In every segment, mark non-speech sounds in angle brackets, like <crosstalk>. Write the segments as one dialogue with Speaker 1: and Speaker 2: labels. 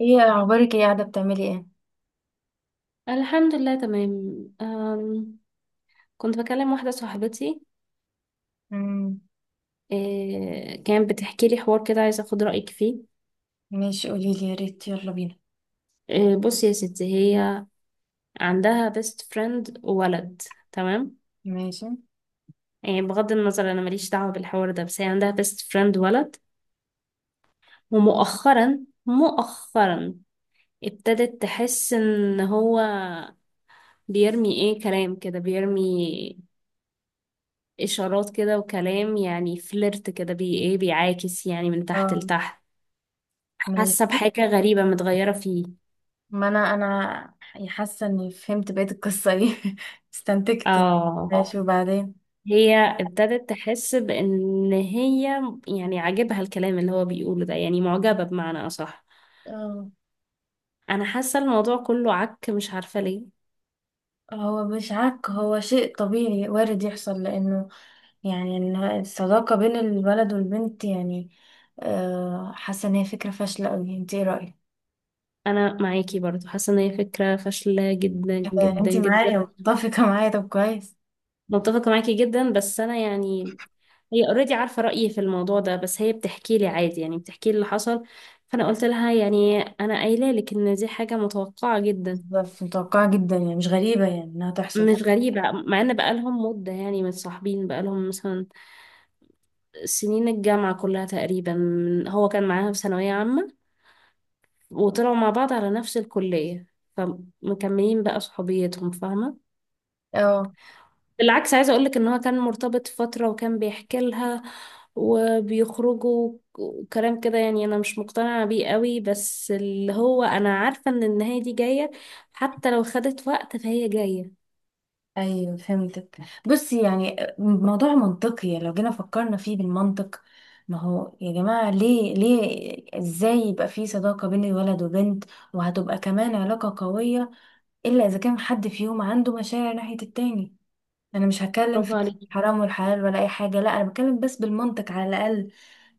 Speaker 1: ايه اخبارك؟ ايه قاعده بتعملي؟ ايه؟
Speaker 2: الحمد لله تمام. كنت بكلم واحدة صاحبتي.
Speaker 1: امم.
Speaker 2: إيه، كانت بتحكي لي حوار كده، عايزة أخد رأيك فيه.
Speaker 1: ماشي، قولي لي، يا ريت، يلا بينا.
Speaker 2: إيه، بصي يا ستي، هي عندها بيست فريند ولد. تمام.
Speaker 1: ماشي.
Speaker 2: يعني بغض النظر، أنا ماليش دعوة بالحوار ده، بس هي عندها بيست فريند ولد. ومؤخرا، مؤخرا ابتدت تحس إن هو بيرمي، كلام كده، بيرمي إشارات كده وكلام، يعني فليرت كده، بي إيه بيعاكس يعني من تحت
Speaker 1: اه.
Speaker 2: لتحت. حاسة
Speaker 1: ماشي.
Speaker 2: بحاجة غريبة متغيرة فيه.
Speaker 1: ما انا يعني حاسه اني فهمت بقيه القصه دي <laughs> استنتجت.
Speaker 2: اه،
Speaker 1: ماشي، وبعدين؟
Speaker 2: هي ابتدت تحس بان هي يعني عاجبها الكلام اللي هو بيقوله ده، يعني معجبة بمعنى اصح.
Speaker 1: اه.
Speaker 2: انا حاسة الموضوع كله عك، مش عارفة ليه.
Speaker 1: هو مش عك، هو شيء طبيعي وارد يحصل، لانه يعني إن الصداقه بين الولد والبنت، يعني حاسه ان هي فكره فاشله قوي، انت ايه رايك؟
Speaker 2: انا معاكي برضو، حاسة ان هي فكرة فاشلة جدا جدا
Speaker 1: انت
Speaker 2: جدا.
Speaker 1: معايا، متفقه معايا، طب كويس.
Speaker 2: متفقة معاكي جدا، بس انا يعني، هي اوريدي عارفة رأيي في الموضوع ده، بس هي بتحكي لي عادي، يعني بتحكي لي اللي حصل. فانا قلت لها يعني، انا قايله لك ان دي حاجة متوقعة جدا.
Speaker 1: بالظبط، متوقعه جدا، يعني مش غريبه، يعني انها تحصل.
Speaker 2: مش غريبة، مع ان بقالهم مدة، يعني متصاحبين بقالهم مثلا سنين الجامعة كلها تقريبا، هو كان معاها في ثانوية عامة، وطلعوا مع بعض على نفس الكلية، فمكملين بقى صحوبيتهم، فاهمة.
Speaker 1: اه.
Speaker 2: بالعكس عايزة اقولك ان هو كان مرتبط فترة، وكان بيحكي لها وبيخرجوا وكلام كده، يعني انا مش مقتنعة بيه قوي، بس اللي هو انا عارفة ان النهاية دي جاية، حتى لو خدت وقت فهي جاية.
Speaker 1: ايوه، فهمتك. بصي، يعني موضوع منطقي، يعني لو جينا فكرنا فيه بالمنطق. ما هو يا جماعة، ليه ليه، ازاي يبقى في صداقة بين ولد وبنت؟ وهتبقى كمان علاقة قوية، الا اذا كان حد فيهم عنده مشاعر ناحية التاني. انا مش هتكلم
Speaker 2: برافو
Speaker 1: في
Speaker 2: عليك
Speaker 1: حرام والحلال ولا اي حاجة، لا، انا بتكلم بس بالمنطق على الاقل.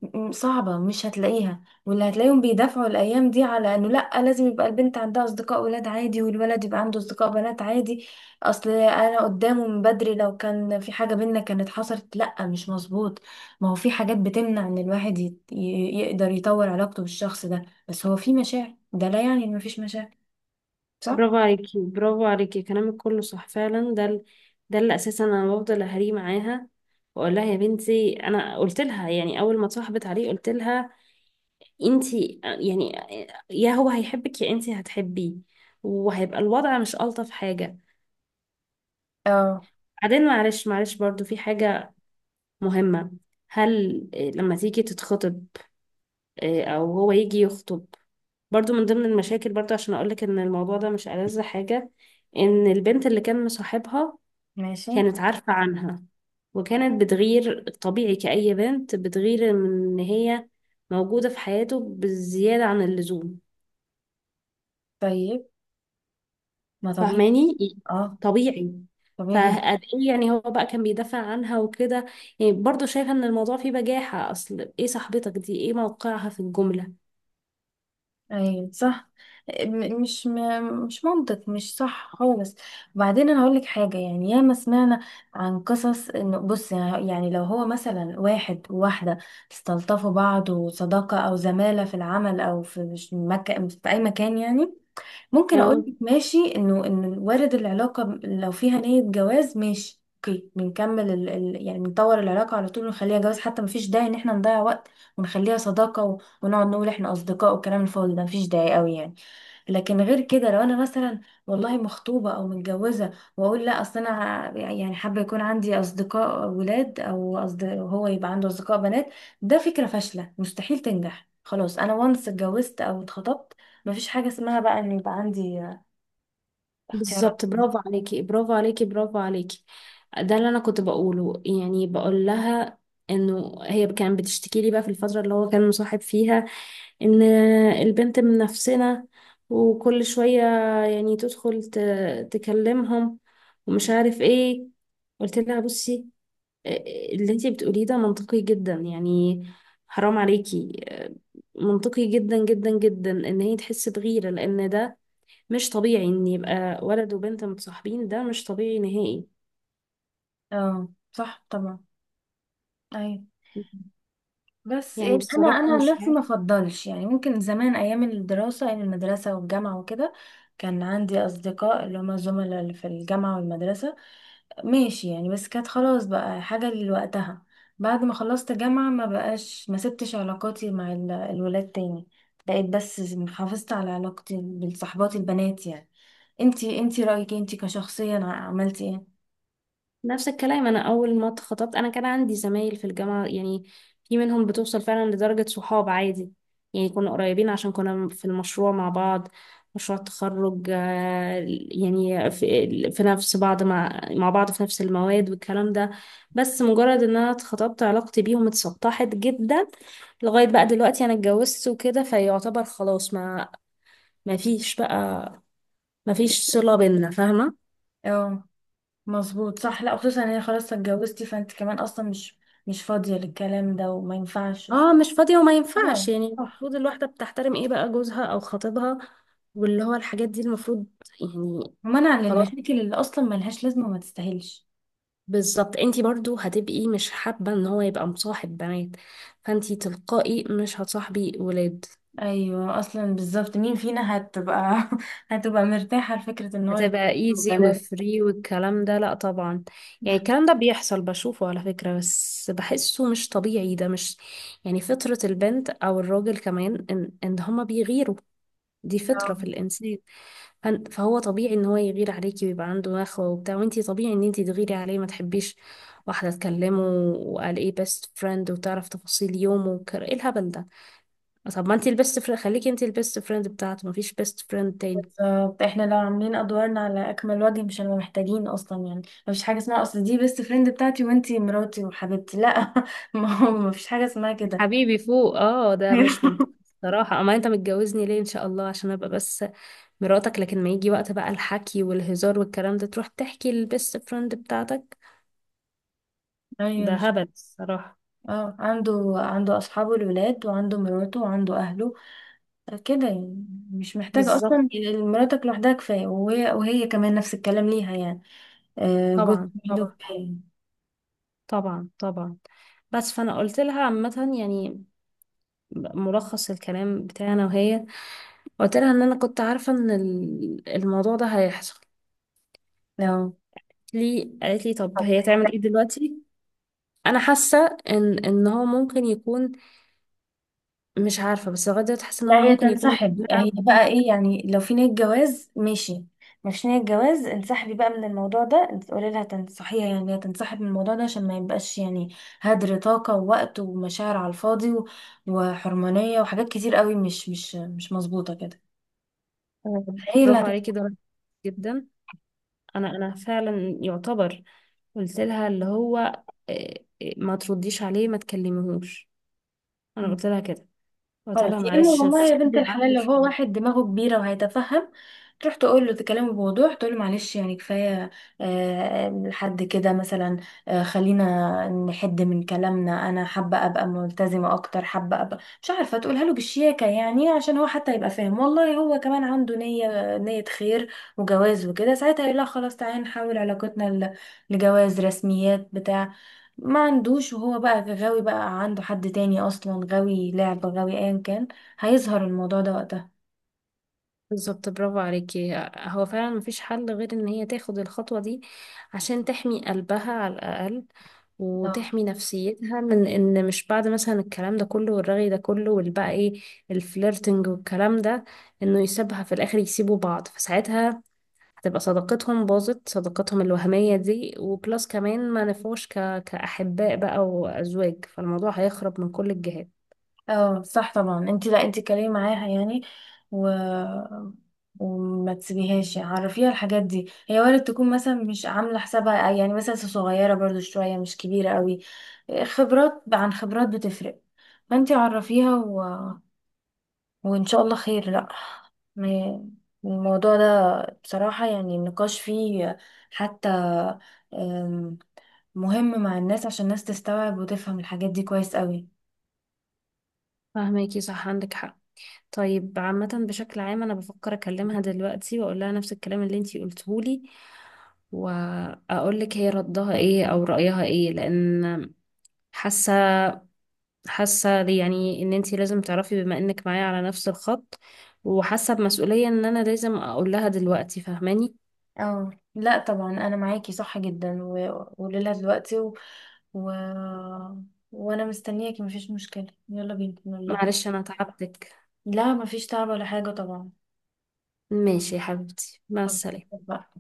Speaker 1: صعبة مش هتلاقيها، واللي هتلاقيهم بيدافعوا الأيام دي على إنه لأ، لازم يبقى البنت عندها أصدقاء ولاد عادي، والولد يبقى عنده أصدقاء بنات عادي. أصل أنا قدامه من بدري، لو كان في حاجة بينا كانت حصلت، لأ مش مظبوط. ما هو في حاجات بتمنع إن الواحد يقدر يطور علاقته بالشخص ده، بس هو في مشاعر، ده لا يعني إن مفيش مشاعر. صح؟
Speaker 2: برافو عليكي، برافو عليكي، كلامك كله صح فعلا. ده اللي اساسا انا بفضل اهري معاها، واقول لها يا بنتي. انا قلت لها، يعني اول ما اتصاحبت عليه قلت لها، انتي يعني يا هو هيحبك يا انتي هتحبيه، وهيبقى الوضع مش الطف حاجه.
Speaker 1: اه.
Speaker 2: بعدين معلش معلش، برضو في حاجه مهمه. هل إيه، لما تيجي تتخطب، إيه، او هو يجي يخطب، برضو من ضمن المشاكل. برضو عشان اقولك ان الموضوع ده مش ألذ حاجه، ان البنت اللي كان مصاحبها
Speaker 1: ماشي.
Speaker 2: كانت عارفة عنها، وكانت بتغير طبيعي كأي بنت بتغير، من إن هي موجودة في حياته بالزيادة عن اللزوم.
Speaker 1: طيب. ما طبيعي.
Speaker 2: فاهماني؟
Speaker 1: اه.
Speaker 2: طبيعي.
Speaker 1: طبيعي جدا.
Speaker 2: فقد ايه يعني، هو بقى كان بيدافع عنها وكده، يعني برضه شايفة ان الموضوع فيه بجاحة، اصل ايه صاحبتك دي، ايه موقعها في الجملة.
Speaker 1: ايوه صح. مش منطق، مش صح خالص. وبعدين، انا هقول لك حاجه، يعني ياما سمعنا عن قصص، انه بص، يعني لو هو مثلا واحد وواحده استلطفوا بعض، وصداقه او زماله في العمل، او في في اي مكان، يعني ممكن اقول
Speaker 2: اه،
Speaker 1: لك ماشي، انه وارد العلاقه لو فيها نيه جواز، ماشي، اوكي بنكمل يعني بنطور العلاقه على طول ونخليها جواز، حتى مفيش داعي ان احنا نضيع وقت ونخليها صداقه ونقعد نقول احنا اصدقاء، والكلام الفاضي ده مفيش داعي قوي يعني. لكن غير كده، لو انا مثلا والله مخطوبه او متجوزه، واقول لا، اصل انا يعني حابه يكون عندي اصدقاء ولاد، او أصدقاء هو يبقى عنده اصدقاء بنات، ده فكره فاشله مستحيل تنجح، خلاص انا وانس اتجوزت او اتخطبت، مفيش حاجة اسمها بقى ان يبقى عندي اختيارات.
Speaker 2: بالظبط. برافو عليكي، برافو عليكي، برافو عليكي، ده اللي انا كنت بقوله، يعني بقول لها انه هي كانت بتشتكي لي بقى في الفترة اللي هو كان مصاحب فيها ان البنت من نفسنا، وكل شوية يعني تدخل تكلمهم، ومش عارف ايه. قلت لها بصي، آه، اللي انتي بتقوليه ده منطقي جدا، يعني حرام عليكي، منطقي جدا جدا جدا ان هي تحس بغيرة، لان ده مش طبيعي ان يبقى ولد وبنت متصاحبين، ده مش طبيعي نهائي.
Speaker 1: اه صح طبعا. ايوه. بس
Speaker 2: يعني
Speaker 1: انا
Speaker 2: بصراحة
Speaker 1: انا عن
Speaker 2: مش
Speaker 1: نفسي
Speaker 2: عارف.
Speaker 1: ما افضلش، يعني ممكن زمان ايام الدراسة، ايام المدرسة والجامعة وكده كان عندي اصدقاء اللي هما زملاء اللي في الجامعة والمدرسة، ماشي يعني، بس كانت خلاص بقى حاجة لوقتها. بعد ما خلصت جامعة ما بقاش، ما سبتش علاقاتي مع الولاد تاني، بقيت بس حافظت على علاقتي بالصحبات البنات يعني. انتي رأيك إيه؟ انتي كشخصيا عملتي ايه؟
Speaker 2: نفس الكلام، أنا أول ما اتخطبت أنا كان عندي زمايل في الجامعة، يعني في منهم بتوصل فعلا لدرجة صحاب عادي، يعني كنا قريبين عشان كنا في المشروع مع بعض، مشروع التخرج، يعني في نفس بعض، مع بعض في نفس المواد والكلام ده. بس مجرد إن أنا اتخطبت، علاقتي بيهم اتسطحت جدا. لغاية بقى دلوقتي أنا اتجوزت وكده، فيعتبر خلاص، ما فيش بقى، ما فيش صلة بينا، فاهمة.
Speaker 1: اه مظبوط صح، لا خصوصا ان هي خلاص اتجوزتي، فانت كمان اصلا مش فاضية للكلام ده، وما ينفعش.
Speaker 2: اه، مش فاضية وما ينفعش،
Speaker 1: اه
Speaker 2: يعني
Speaker 1: صح.
Speaker 2: المفروض الواحدة بتحترم ايه بقى، جوزها او خطيبها. واللي هو الحاجات دي المفروض يعني.
Speaker 1: ومنع
Speaker 2: خلاص،
Speaker 1: للمشاكل اللي اصلا ملهاش لازمة وما تستاهلش.
Speaker 2: بالظبط. انتي برضو هتبقي مش حابة ان هو يبقى مصاحب بنات، فانتي تلقائي مش هتصاحبي ولاد.
Speaker 1: ايوه اصلا بالظبط، مين فينا هتبقى <laughs> هتبقى مرتاحة لفكرة ان هو يكون
Speaker 2: هتبقى ايزي
Speaker 1: بنات.
Speaker 2: وفري والكلام ده، لا طبعا. يعني
Speaker 1: <laughs>
Speaker 2: الكلام ده بيحصل، بشوفه على فكرة، بس بحسه مش طبيعي، ده مش يعني فطرة البنت او الراجل كمان، ان هما بيغيروا، دي
Speaker 1: اه
Speaker 2: فطرة في الإنسان. فهو طبيعي ان هو يغير عليكي ويبقى عنده نخوة وبتاع، وانتي طبيعي ان انتي تغيري عليه، ما تحبيش واحدة تكلمه، وقال ايه بيست فريند، وتعرف تفاصيل يومه ايه الهبل ده. طب ما انتي البيست فريند، خليكي انتي البيست فريند بتاعته، مفيش بيست فريند تاني.
Speaker 1: بالظبط، احنا لو عاملين ادوارنا على اكمل وجه مش هنبقى محتاجين اصلا يعني، مفيش حاجة اسمها، اصل دي بيست فريند بتاعتي وانتي مراتي وحبيبتي، لا. <laughs> ما هو مفيش حاجة اسمها كده.
Speaker 2: حبيبي فوق، اه ده مش منطقي
Speaker 1: <laughs>
Speaker 2: صراحة. اما انت متجوزني ليه ان شاء الله؟ عشان ابقى بس مراتك، لكن ما يجي وقت بقى الحكي والهزار والكلام ده تروح تحكي للبيست فريند بتاعتك،
Speaker 1: ايوه،
Speaker 2: ده
Speaker 1: مش
Speaker 2: هبل الصراحة.
Speaker 1: اه، عنده اصحابه الولاد، وعنده مراته، وعنده اهله، كده يعني، مش محتاجة
Speaker 2: بالظبط.
Speaker 1: اصلا. مراتك لوحدها كفاية، وهي كمان نفس الكلام ليها يعني، جوز
Speaker 2: طبعا
Speaker 1: لوحده
Speaker 2: طبعا،
Speaker 1: كفاية.
Speaker 2: طبعا طبعا. بس فانا قلت لها عامه، يعني ملخص الكلام بتاعنا وهي، قلت لها ان انا كنت عارفه ان الموضوع ده هيحصل.
Speaker 1: لو
Speaker 2: لي قالت لي طب هي تعمل ايه دلوقتي، انا حاسه ان هو ممكن يكون، مش عارفه، بس لغايه دلوقتي حاسه ان هو
Speaker 1: لا، هي
Speaker 2: ممكن يكون
Speaker 1: تنسحب،
Speaker 2: بيلعب
Speaker 1: هي بقى
Speaker 2: بيها.
Speaker 1: ايه يعني، لو في نية جواز ماشي، مش نية جواز انسحبي بقى من الموضوع ده، قولي لها تنصحيها، يعني هي تنسحب من الموضوع ده، عشان ما يبقاش يعني هدر طاقة ووقت ومشاعر على الفاضي وحرمانية وحاجات كتير قوي، مش مظبوطة كده.
Speaker 2: آه،
Speaker 1: هي اللي
Speaker 2: برافو عليكي،
Speaker 1: هتتفهم.
Speaker 2: ده جدا. انا فعلا يعتبر قلت لها اللي هو، ما ترديش عليه، ما تكلميهوش، انا
Speaker 1: مم.
Speaker 2: قلت لها كده، قلت لها
Speaker 1: خلاص يا اما،
Speaker 2: معلش
Speaker 1: والله يا بنت
Speaker 2: افصلي
Speaker 1: الحلال،
Speaker 2: عنه
Speaker 1: لو هو
Speaker 2: شوية.
Speaker 1: واحد دماغه كبيره وهيتفهم، تروح تقول له، تكلمه بوضوح، تقول له معلش يعني كفايه، لحد كده مثلا، خلينا نحد من كلامنا، انا حابه ابقى ملتزمه اكتر، حابه ابقى مش عارفه، تقولها له بالشياكه يعني، عشان هو حتى يبقى فاهم. والله هو كمان عنده نيه خير وجواز وكده، ساعتها يقول لها خلاص تعالي نحول علاقتنا لجواز، رسميات بتاع. ما عندوش، وهو بقى غاوي، بقى عنده حد تاني اصلا، غاوي لعبة، غاوي ايا كان، هيظهر الموضوع ده وقتها.
Speaker 2: بالظبط، برافو عليكي. هو فعلا مفيش حل غير ان هي تاخد الخطوة دي عشان تحمي قلبها على الأقل،
Speaker 1: اه.
Speaker 2: وتحمي نفسيتها من ان مش بعد مثلا الكلام ده كله والرغي ده كله والبقى ايه الفليرتنج والكلام ده، انه يسيبها في الاخر، يسيبوا بعض، فساعتها هتبقى صداقتهم باظت، صداقتهم الوهمية دي، وبلس كمان ما نفوش كأحباء بقى وأزواج، فالموضوع هيخرب من كل الجهات.
Speaker 1: اه صح طبعا، انت لا، انت اتكلمي معاها يعني و... وما تسيبيهاش، يعني عرفيها الحاجات دي، هي وارد تكون مثلا مش عامله حسابها، يعني مثلا صغيره برضو شويه، مش كبيره قوي، خبرات عن خبرات بتفرق، فانت عرفيها، وإن شاء الله خير. لأ، ما- الموضوع ده بصراحة، يعني النقاش فيه حتى آم، مهم مع الناس، عشان الناس تستوعب وتفهم الحاجات دي كويس قوي.
Speaker 2: فاهماكي، صح، عندك حق. طيب عامة بشكل عام أنا بفكر أكلمها دلوقتي وأقول لها نفس الكلام اللي انتي قلتهولي، وأقول لك هي ردها ايه أو رأيها ايه، لأن حاسة، حاسة يعني إن انتي لازم تعرفي بما إنك معايا على نفس الخط، وحاسة بمسؤولية إن أنا لازم أقول لها دلوقتي. فاهماني؟
Speaker 1: اه لا طبعا، أنا معاكي صح جدا، وقوليلها دلوقتي و... وأنا مستنياكي، مفيش مشكلة، يلا بينا نقول لها.
Speaker 2: معلش أنا تعبتك.
Speaker 1: لا مفيش تعب ولا حاجة طبعا.
Speaker 2: ماشي يا حبيبتي، مع
Speaker 1: طب-
Speaker 2: السلامة.
Speaker 1: طب بقى.